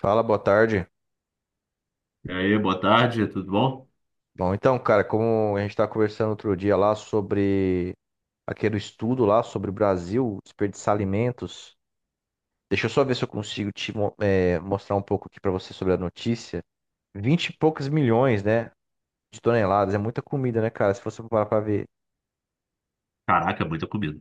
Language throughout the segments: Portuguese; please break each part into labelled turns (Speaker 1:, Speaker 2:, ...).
Speaker 1: Fala, boa tarde.
Speaker 2: E aí, boa tarde, tudo bom?
Speaker 1: Bom, então, cara, como a gente estava conversando outro dia lá sobre aquele estudo lá sobre o Brasil, desperdiçar alimentos, deixa eu só ver se eu consigo mostrar um pouco aqui para você sobre a notícia. 20 e poucos milhões, né, de toneladas, é muita comida, né, cara, se você for parar para ver.
Speaker 2: Caraca, muita comida.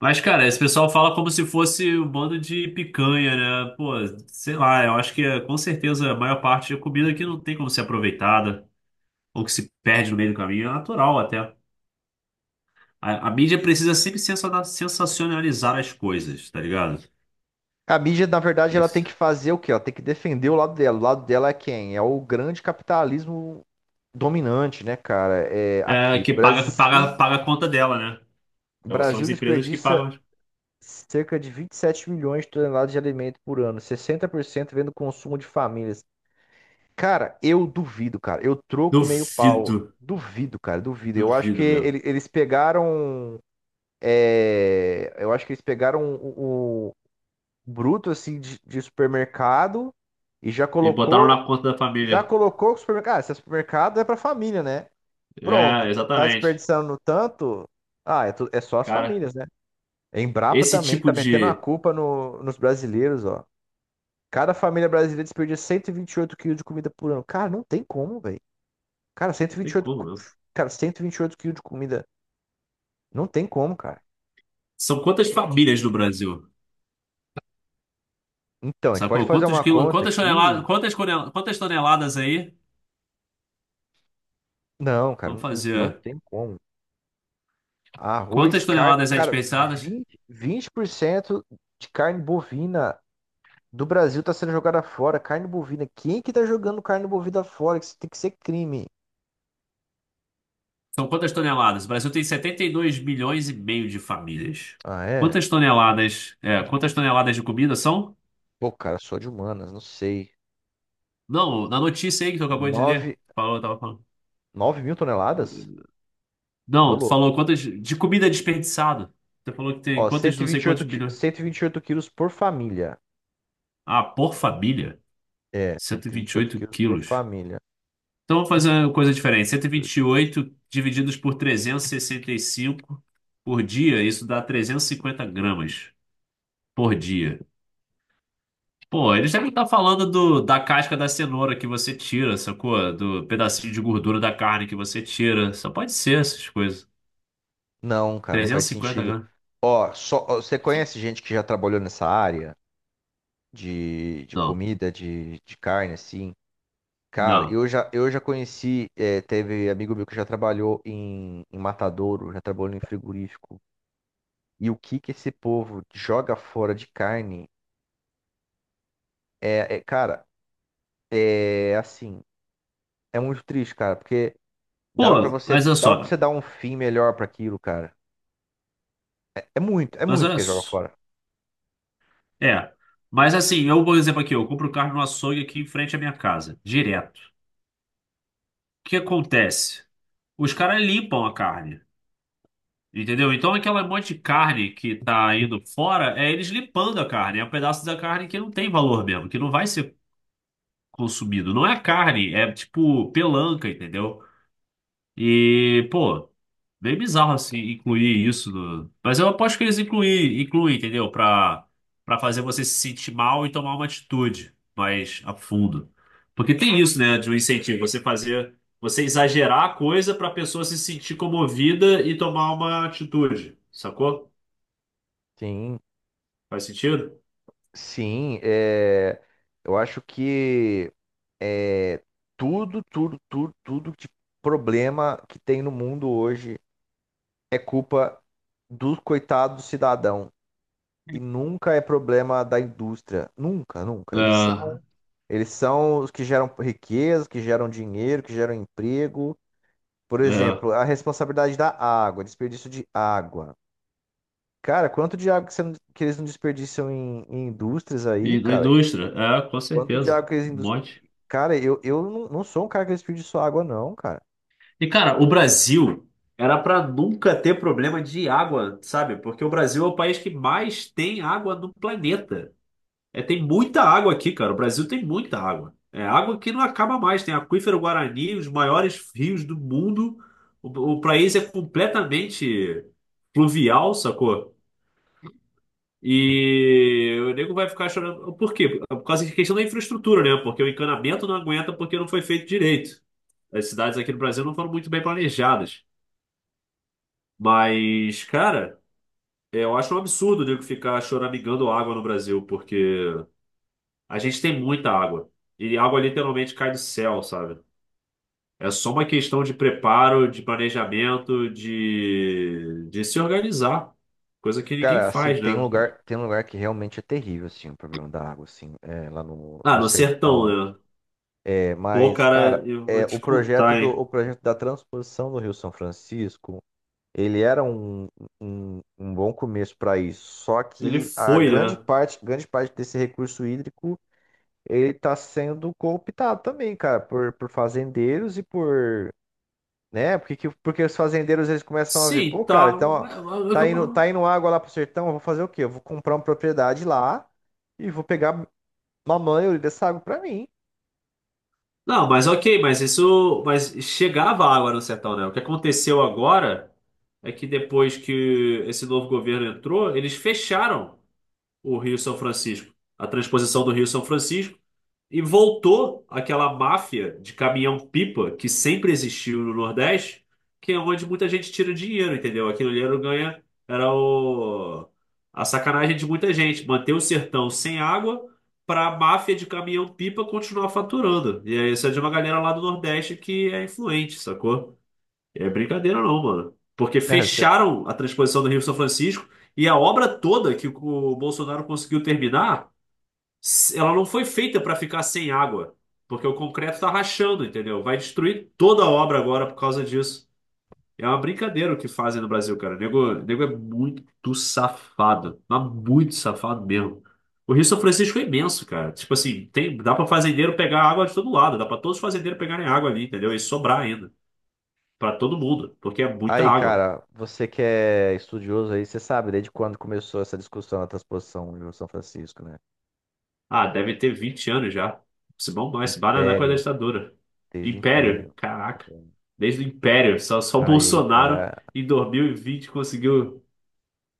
Speaker 2: Mas, cara, esse pessoal fala como se fosse um bando de picanha, né? Pô, sei lá, eu acho que com certeza a maior parte da comida aqui não tem como ser aproveitada, ou que se perde no meio do caminho, é natural até. A mídia precisa sempre sensacionalizar as coisas, tá ligado?
Speaker 1: A mídia, na verdade, ela tem que
Speaker 2: Isso.
Speaker 1: fazer o quê? Ela tem que defender o lado dela. O lado dela é quem? É o grande capitalismo dominante, né, cara? É
Speaker 2: É,
Speaker 1: aqui,
Speaker 2: que paga,
Speaker 1: Brasil,
Speaker 2: paga, paga a conta dela, né? Então, são
Speaker 1: Brasil
Speaker 2: as empresas que
Speaker 1: desperdiça
Speaker 2: pagam.
Speaker 1: cerca de 27 milhões de toneladas de alimento por ano, 60% vem do consumo de famílias. Cara, eu duvido, cara. Eu troco meio pau.
Speaker 2: Duvido,
Speaker 1: Duvido, cara, duvido. Eu acho que
Speaker 2: duvido, meu.
Speaker 1: eles pegaram. É, eu acho que eles pegaram o bruto assim de supermercado e
Speaker 2: E botaram na conta da
Speaker 1: já
Speaker 2: família.
Speaker 1: colocou o supermercado. Ah, esse supermercado é pra família, né?
Speaker 2: É,
Speaker 1: Pronto. Tá
Speaker 2: exatamente.
Speaker 1: desperdiçando tanto. Ah, é, é só as
Speaker 2: Cara.
Speaker 1: famílias, né? Embrapa
Speaker 2: Esse
Speaker 1: também
Speaker 2: tipo
Speaker 1: tá metendo a
Speaker 2: de.
Speaker 1: culpa nos brasileiros, ó. Cada família brasileira desperdiça 128 quilos de comida por ano. Cara, não tem como, velho. Cara,
Speaker 2: Não
Speaker 1: 128,
Speaker 2: tem como,
Speaker 1: co-
Speaker 2: não.
Speaker 1: cara, 128 quilos de comida. Não tem como, cara.
Speaker 2: São quantas famílias no Brasil?
Speaker 1: Então, a gente pode
Speaker 2: Sacou?
Speaker 1: fazer
Speaker 2: Quantos
Speaker 1: uma
Speaker 2: quilos
Speaker 1: conta
Speaker 2: quantas
Speaker 1: aqui.
Speaker 2: toneladas... quantas toneladas aí?
Speaker 1: Não, cara,
Speaker 2: Vamos
Speaker 1: não
Speaker 2: fazer.
Speaker 1: tem como. Arroz,
Speaker 2: Quantas
Speaker 1: carne.
Speaker 2: toneladas é
Speaker 1: Cara,
Speaker 2: desperdiçadas.
Speaker 1: 20% de carne bovina do Brasil tá sendo jogada fora. Carne bovina. Quem que tá jogando carne bovina fora? Isso tem que ser crime.
Speaker 2: São quantas toneladas? O Brasil tem 72,5 milhões de famílias.
Speaker 1: Ah, é?
Speaker 2: Quantas toneladas? É, quantas toneladas de comida são?
Speaker 1: Pô, cara, sou de humanas, não sei.
Speaker 2: Não, na notícia aí que tu acabou de
Speaker 1: 9
Speaker 2: ler. Falou, tava falando.
Speaker 1: 9 mil toneladas? Ô,
Speaker 2: Não, tu
Speaker 1: louco.
Speaker 2: falou quantas. De comida desperdiçada. Tu falou que tem
Speaker 1: Ó,
Speaker 2: quantas, não sei
Speaker 1: 128,
Speaker 2: quantos
Speaker 1: qui-
Speaker 2: bilhões.
Speaker 1: 128 quilos por família.
Speaker 2: Ah, por família?
Speaker 1: É,
Speaker 2: Cento e
Speaker 1: cento e vinte
Speaker 2: vinte
Speaker 1: e
Speaker 2: e
Speaker 1: oito
Speaker 2: oito
Speaker 1: quilos por
Speaker 2: quilos.
Speaker 1: família.
Speaker 2: Então, vamos fazer uma coisa diferente. Cento e vinte e
Speaker 1: 28.
Speaker 2: oito divididos por trezentos e sessenta e cinco por dia, isso dá 350 gramas por dia. Pô, eles devem estar falando do, da casca da cenoura que você tira, sacou? Do pedacinho de gordura da carne que você tira. Só pode ser essas coisas.
Speaker 1: Não, cara, não
Speaker 2: Trezentos
Speaker 1: faz
Speaker 2: e cinquenta
Speaker 1: sentido.
Speaker 2: gramas.
Speaker 1: Ó, só, ó, você conhece gente que já trabalhou nessa área de
Speaker 2: Não,
Speaker 1: comida, de carne, assim? Cara,
Speaker 2: não.
Speaker 1: eu já conheci, é, teve amigo meu que já trabalhou em matadouro, já trabalhou em frigorífico. E o que que esse povo joga fora de carne é, é, cara, é assim. É muito triste, cara, porque
Speaker 2: Pô, mas olha
Speaker 1: dava para
Speaker 2: só.
Speaker 1: você dar um fim melhor pra aquilo, cara. É
Speaker 2: Mas
Speaker 1: muito
Speaker 2: olha
Speaker 1: que joga
Speaker 2: só.
Speaker 1: fora.
Speaker 2: É. Mas assim, eu, por exemplo, aqui, eu compro carne no açougue aqui em frente à minha casa, direto. O que acontece? Os caras limpam a carne. Entendeu? Então, aquela monte de carne que tá indo fora, é eles limpando a carne. É um pedaço da carne que não tem valor mesmo, que não vai ser consumido. Não é carne, é tipo pelanca, entendeu? E, pô, bem bizarro assim incluir isso. Mas eu aposto que eles incluem, incluem, entendeu? Pra fazer você se sentir mal e tomar uma atitude mais a fundo. Porque tem isso, né, de um incentivo, você fazer, você exagerar a coisa pra pessoa se sentir comovida e tomar uma atitude, sacou?
Speaker 1: Sim,
Speaker 2: Faz sentido?
Speaker 1: sim, é, eu acho que é, tudo de problema que tem no mundo hoje é culpa do coitado do cidadão e nunca é problema da indústria, nunca, nunca.
Speaker 2: É,
Speaker 1: Eles são os que geram riqueza, que geram dinheiro, que geram emprego. Por
Speaker 2: é.
Speaker 1: exemplo, a responsabilidade da água, desperdício de água. Cara, quanto de água que, você não- que eles não desperdiçam em indústrias aí,
Speaker 2: E na
Speaker 1: cara?
Speaker 2: indústria, é, com
Speaker 1: Quanto de água
Speaker 2: certeza.
Speaker 1: que eles
Speaker 2: Um monte.
Speaker 1: cara, eu não sou um cara que desperdiça água, não, cara.
Speaker 2: E, cara, o Brasil era para nunca ter problema de água, sabe? Porque o Brasil é o país que mais tem água no planeta. É, tem muita água aqui, cara. O Brasil tem muita água. É água que não acaba mais. Tem aquífero Guarani, os maiores rios do mundo. O, o país é completamente fluvial, sacou? E o nego vai ficar chorando. Por quê? Por causa da questão da infraestrutura, né? Porque o encanamento não aguenta porque não foi feito direito. As cidades aqui no Brasil não foram muito bem planejadas. Mas, cara, eu acho um absurdo o nego ficar choramingando água no Brasil, porque a gente tem muita água. E água literalmente cai do céu, sabe? É só uma questão de preparo, de planejamento, de se organizar. Coisa que ninguém
Speaker 1: Cara, assim,
Speaker 2: faz, né?
Speaker 1: tem um lugar que realmente é terrível, assim, o problema da água, assim, é, lá
Speaker 2: Ah,
Speaker 1: no
Speaker 2: no sertão,
Speaker 1: sertão.
Speaker 2: né?
Speaker 1: É,
Speaker 2: Pô,
Speaker 1: mas,
Speaker 2: cara,
Speaker 1: cara,
Speaker 2: eu
Speaker 1: é,
Speaker 2: vou te contar, hein?
Speaker 1: o projeto da transposição do Rio São Francisco, ele era um bom começo para isso. Só
Speaker 2: Ele
Speaker 1: que a
Speaker 2: foi, né?
Speaker 1: grande parte desse recurso hídrico, ele está sendo cooptado também, cara, por fazendeiros e por, né? Porque, porque os fazendeiros eles começam a ver, pô,
Speaker 2: Sim,
Speaker 1: cara,
Speaker 2: tá.
Speaker 1: então ó, tá indo água lá pro sertão, eu vou fazer o quê? Eu vou comprar uma propriedade lá e vou pegar mamãe dessa água para mim.
Speaker 2: Não, mas ok, mas isso. Mas chegava água no sertão, né? O que aconteceu agora é que depois que esse novo governo entrou, eles fecharam o Rio São Francisco. A transposição do Rio São Francisco. E voltou aquela máfia de caminhão-pipa que sempre existiu no Nordeste, que é onde muita gente tira dinheiro, entendeu? Aquilo ali era o ganha, era o, a sacanagem de muita gente, manter o sertão sem água para a máfia de caminhão-pipa continuar faturando. E aí, isso é de uma galera lá do Nordeste que é influente, sacou? É brincadeira não, mano. Porque
Speaker 1: Né? Cê-
Speaker 2: fecharam a transposição do Rio São Francisco e a obra toda que o Bolsonaro conseguiu terminar ela não foi feita para ficar sem água, porque o concreto tá rachando, entendeu? Vai destruir toda a obra agora por causa disso. É uma brincadeira o que fazem no Brasil, cara. O nego é muito safado, mas muito safado mesmo. O Rio São Francisco é imenso, cara. Tipo assim, tem, dá para fazendeiro pegar água de todo lado, dá para todos os fazendeiros pegarem água ali, entendeu? E sobrar ainda, para todo mundo, porque é muita
Speaker 1: aí,
Speaker 2: água.
Speaker 1: cara, você que é estudioso aí, você sabe desde quando começou essa discussão na transposição de São Francisco, né?
Speaker 2: Ah, deve ter 20 anos já. Se bombou, esse bar era da época da
Speaker 1: Império,
Speaker 2: ditadura.
Speaker 1: desde o
Speaker 2: Império?
Speaker 1: Império.
Speaker 2: Caraca. Desde o Império. Só o
Speaker 1: Aí,
Speaker 2: Bolsonaro
Speaker 1: cara.
Speaker 2: em 2020 conseguiu.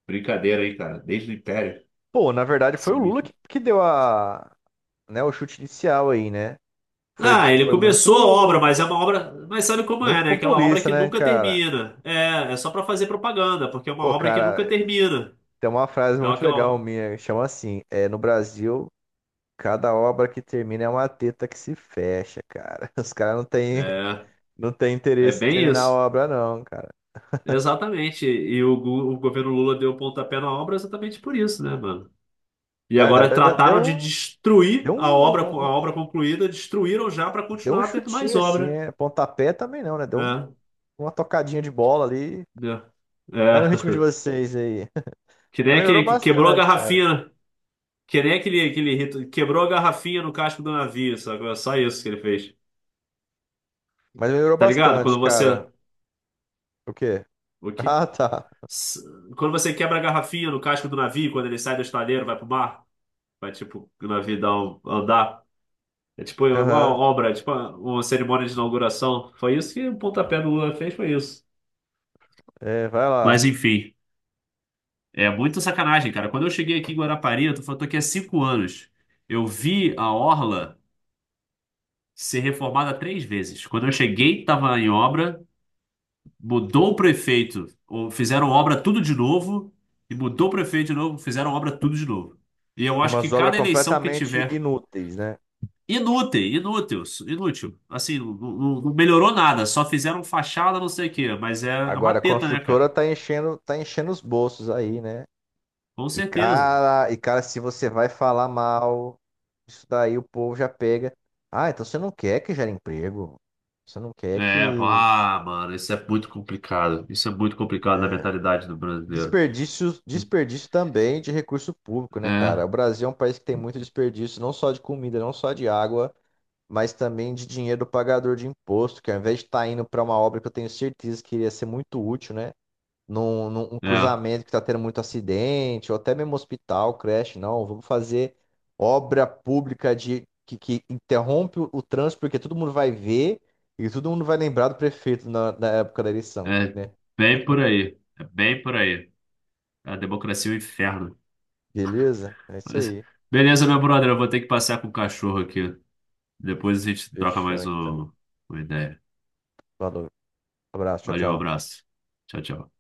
Speaker 2: Brincadeira aí, cara. Desde o Império.
Speaker 1: Pô, na verdade foi o Lula
Speaker 2: Sinistro.
Speaker 1: que deu a, né, o chute inicial aí, né? Foi,
Speaker 2: Ah, ele
Speaker 1: foi
Speaker 2: começou a obra, mas é
Speaker 1: muito,
Speaker 2: uma obra. Mas sabe como
Speaker 1: muito
Speaker 2: é, né? Aquela obra
Speaker 1: populista,
Speaker 2: que
Speaker 1: né,
Speaker 2: nunca
Speaker 1: cara?
Speaker 2: termina. É, é só pra fazer propaganda, porque é uma
Speaker 1: Pô,
Speaker 2: obra que nunca
Speaker 1: cara,
Speaker 2: termina.
Speaker 1: tem uma frase
Speaker 2: É
Speaker 1: muito legal
Speaker 2: aquela.
Speaker 1: minha, que chama assim, é, no Brasil, cada obra que termina é uma teta que se fecha, cara. Os caras
Speaker 2: É,
Speaker 1: não tem
Speaker 2: é
Speaker 1: interesse em
Speaker 2: bem
Speaker 1: terminar a
Speaker 2: isso.
Speaker 1: obra, não, cara.
Speaker 2: Exatamente. E o governo Lula deu o pontapé na obra exatamente por isso, né, mano? E
Speaker 1: Ah, na
Speaker 2: agora
Speaker 1: verdade,
Speaker 2: trataram de
Speaker 1: um,
Speaker 2: destruir
Speaker 1: deu
Speaker 2: a obra concluída, destruíram já para
Speaker 1: deu um
Speaker 2: continuar tendo mais
Speaker 1: chutinho assim,
Speaker 2: obra.
Speaker 1: né? Pontapé também não, né? Deu um
Speaker 2: É,
Speaker 1: uma tocadinha de bola ali.
Speaker 2: é,
Speaker 1: Vai no ritmo de
Speaker 2: é.
Speaker 1: vocês aí.
Speaker 2: Que
Speaker 1: Mas
Speaker 2: nem
Speaker 1: melhorou
Speaker 2: aquele que quebrou a
Speaker 1: bastante, cara.
Speaker 2: garrafinha, né? Que nem aquele, aquele rito, quebrou a garrafinha no casco do navio, sabe? É só isso que ele fez.
Speaker 1: Mas melhorou
Speaker 2: Tá ligado?
Speaker 1: bastante,
Speaker 2: Quando
Speaker 1: cara.
Speaker 2: você.
Speaker 1: O quê?
Speaker 2: O quê?
Speaker 1: Ah, tá.
Speaker 2: S- Quando você quebra a garrafinha no casco do navio, quando ele sai do estaleiro, vai pro mar, vai tipo, o navio dá um, andar. É tipo uma
Speaker 1: Aham.
Speaker 2: obra, tipo uma cerimônia de inauguração. Foi isso que o pontapé do Lula fez, foi isso.
Speaker 1: É, vai
Speaker 2: Mas
Speaker 1: lá.
Speaker 2: enfim. É muita sacanagem, cara. Quando eu cheguei aqui em Guarapari, eu tô falando, tô aqui há 5 anos. Eu vi a orla ser reformada três vezes. Quando eu cheguei, tava em obra, mudou o prefeito, ou fizeram obra tudo de novo, e mudou o prefeito de novo, fizeram obra tudo de novo. E eu
Speaker 1: E
Speaker 2: acho que
Speaker 1: umas obras
Speaker 2: cada eleição que
Speaker 1: completamente
Speaker 2: tiver,
Speaker 1: inúteis, né?
Speaker 2: inútil, inútil, inútil. Assim, não, não melhorou nada, só fizeram fachada, não sei o quê, mas é é uma
Speaker 1: Agora a
Speaker 2: teta, né,
Speaker 1: construtora
Speaker 2: cara?
Speaker 1: tá enchendo os bolsos aí, né?
Speaker 2: Com certeza.
Speaker 1: E cara, se você vai falar mal, isso daí o povo já pega. Ah, então você não quer que gere emprego. Você não quer
Speaker 2: É,
Speaker 1: que
Speaker 2: ah, mano, isso é muito complicado. Isso é muito complicado na mentalidade do brasileiro.
Speaker 1: desperdício, desperdício também de recurso público, né, cara?
Speaker 2: É,
Speaker 1: O Brasil é um país que tem muito desperdício, não só de comida, não só de água, mas também de dinheiro do pagador de imposto, que ao invés de estar indo para uma obra que eu tenho certeza que iria ser muito útil, né? Num, num um
Speaker 2: é,
Speaker 1: cruzamento que está tendo muito acidente, ou até mesmo hospital, creche, não. Vamos fazer obra pública de que interrompe o trânsito, porque todo mundo vai ver e todo mundo vai lembrar do prefeito na época da eleição,
Speaker 2: é
Speaker 1: né?
Speaker 2: bem por aí. É bem por aí. A democracia é um inferno.
Speaker 1: Beleza? É isso
Speaker 2: Mas-
Speaker 1: aí.
Speaker 2: Beleza, meu brother, eu vou ter que passear com o cachorro aqui. Depois a gente troca
Speaker 1: Fechou,
Speaker 2: mais
Speaker 1: então.
Speaker 2: uma ideia.
Speaker 1: Falou. Abraço, tchau,
Speaker 2: Valeu,
Speaker 1: tchau.
Speaker 2: abraço. Tchau, tchau.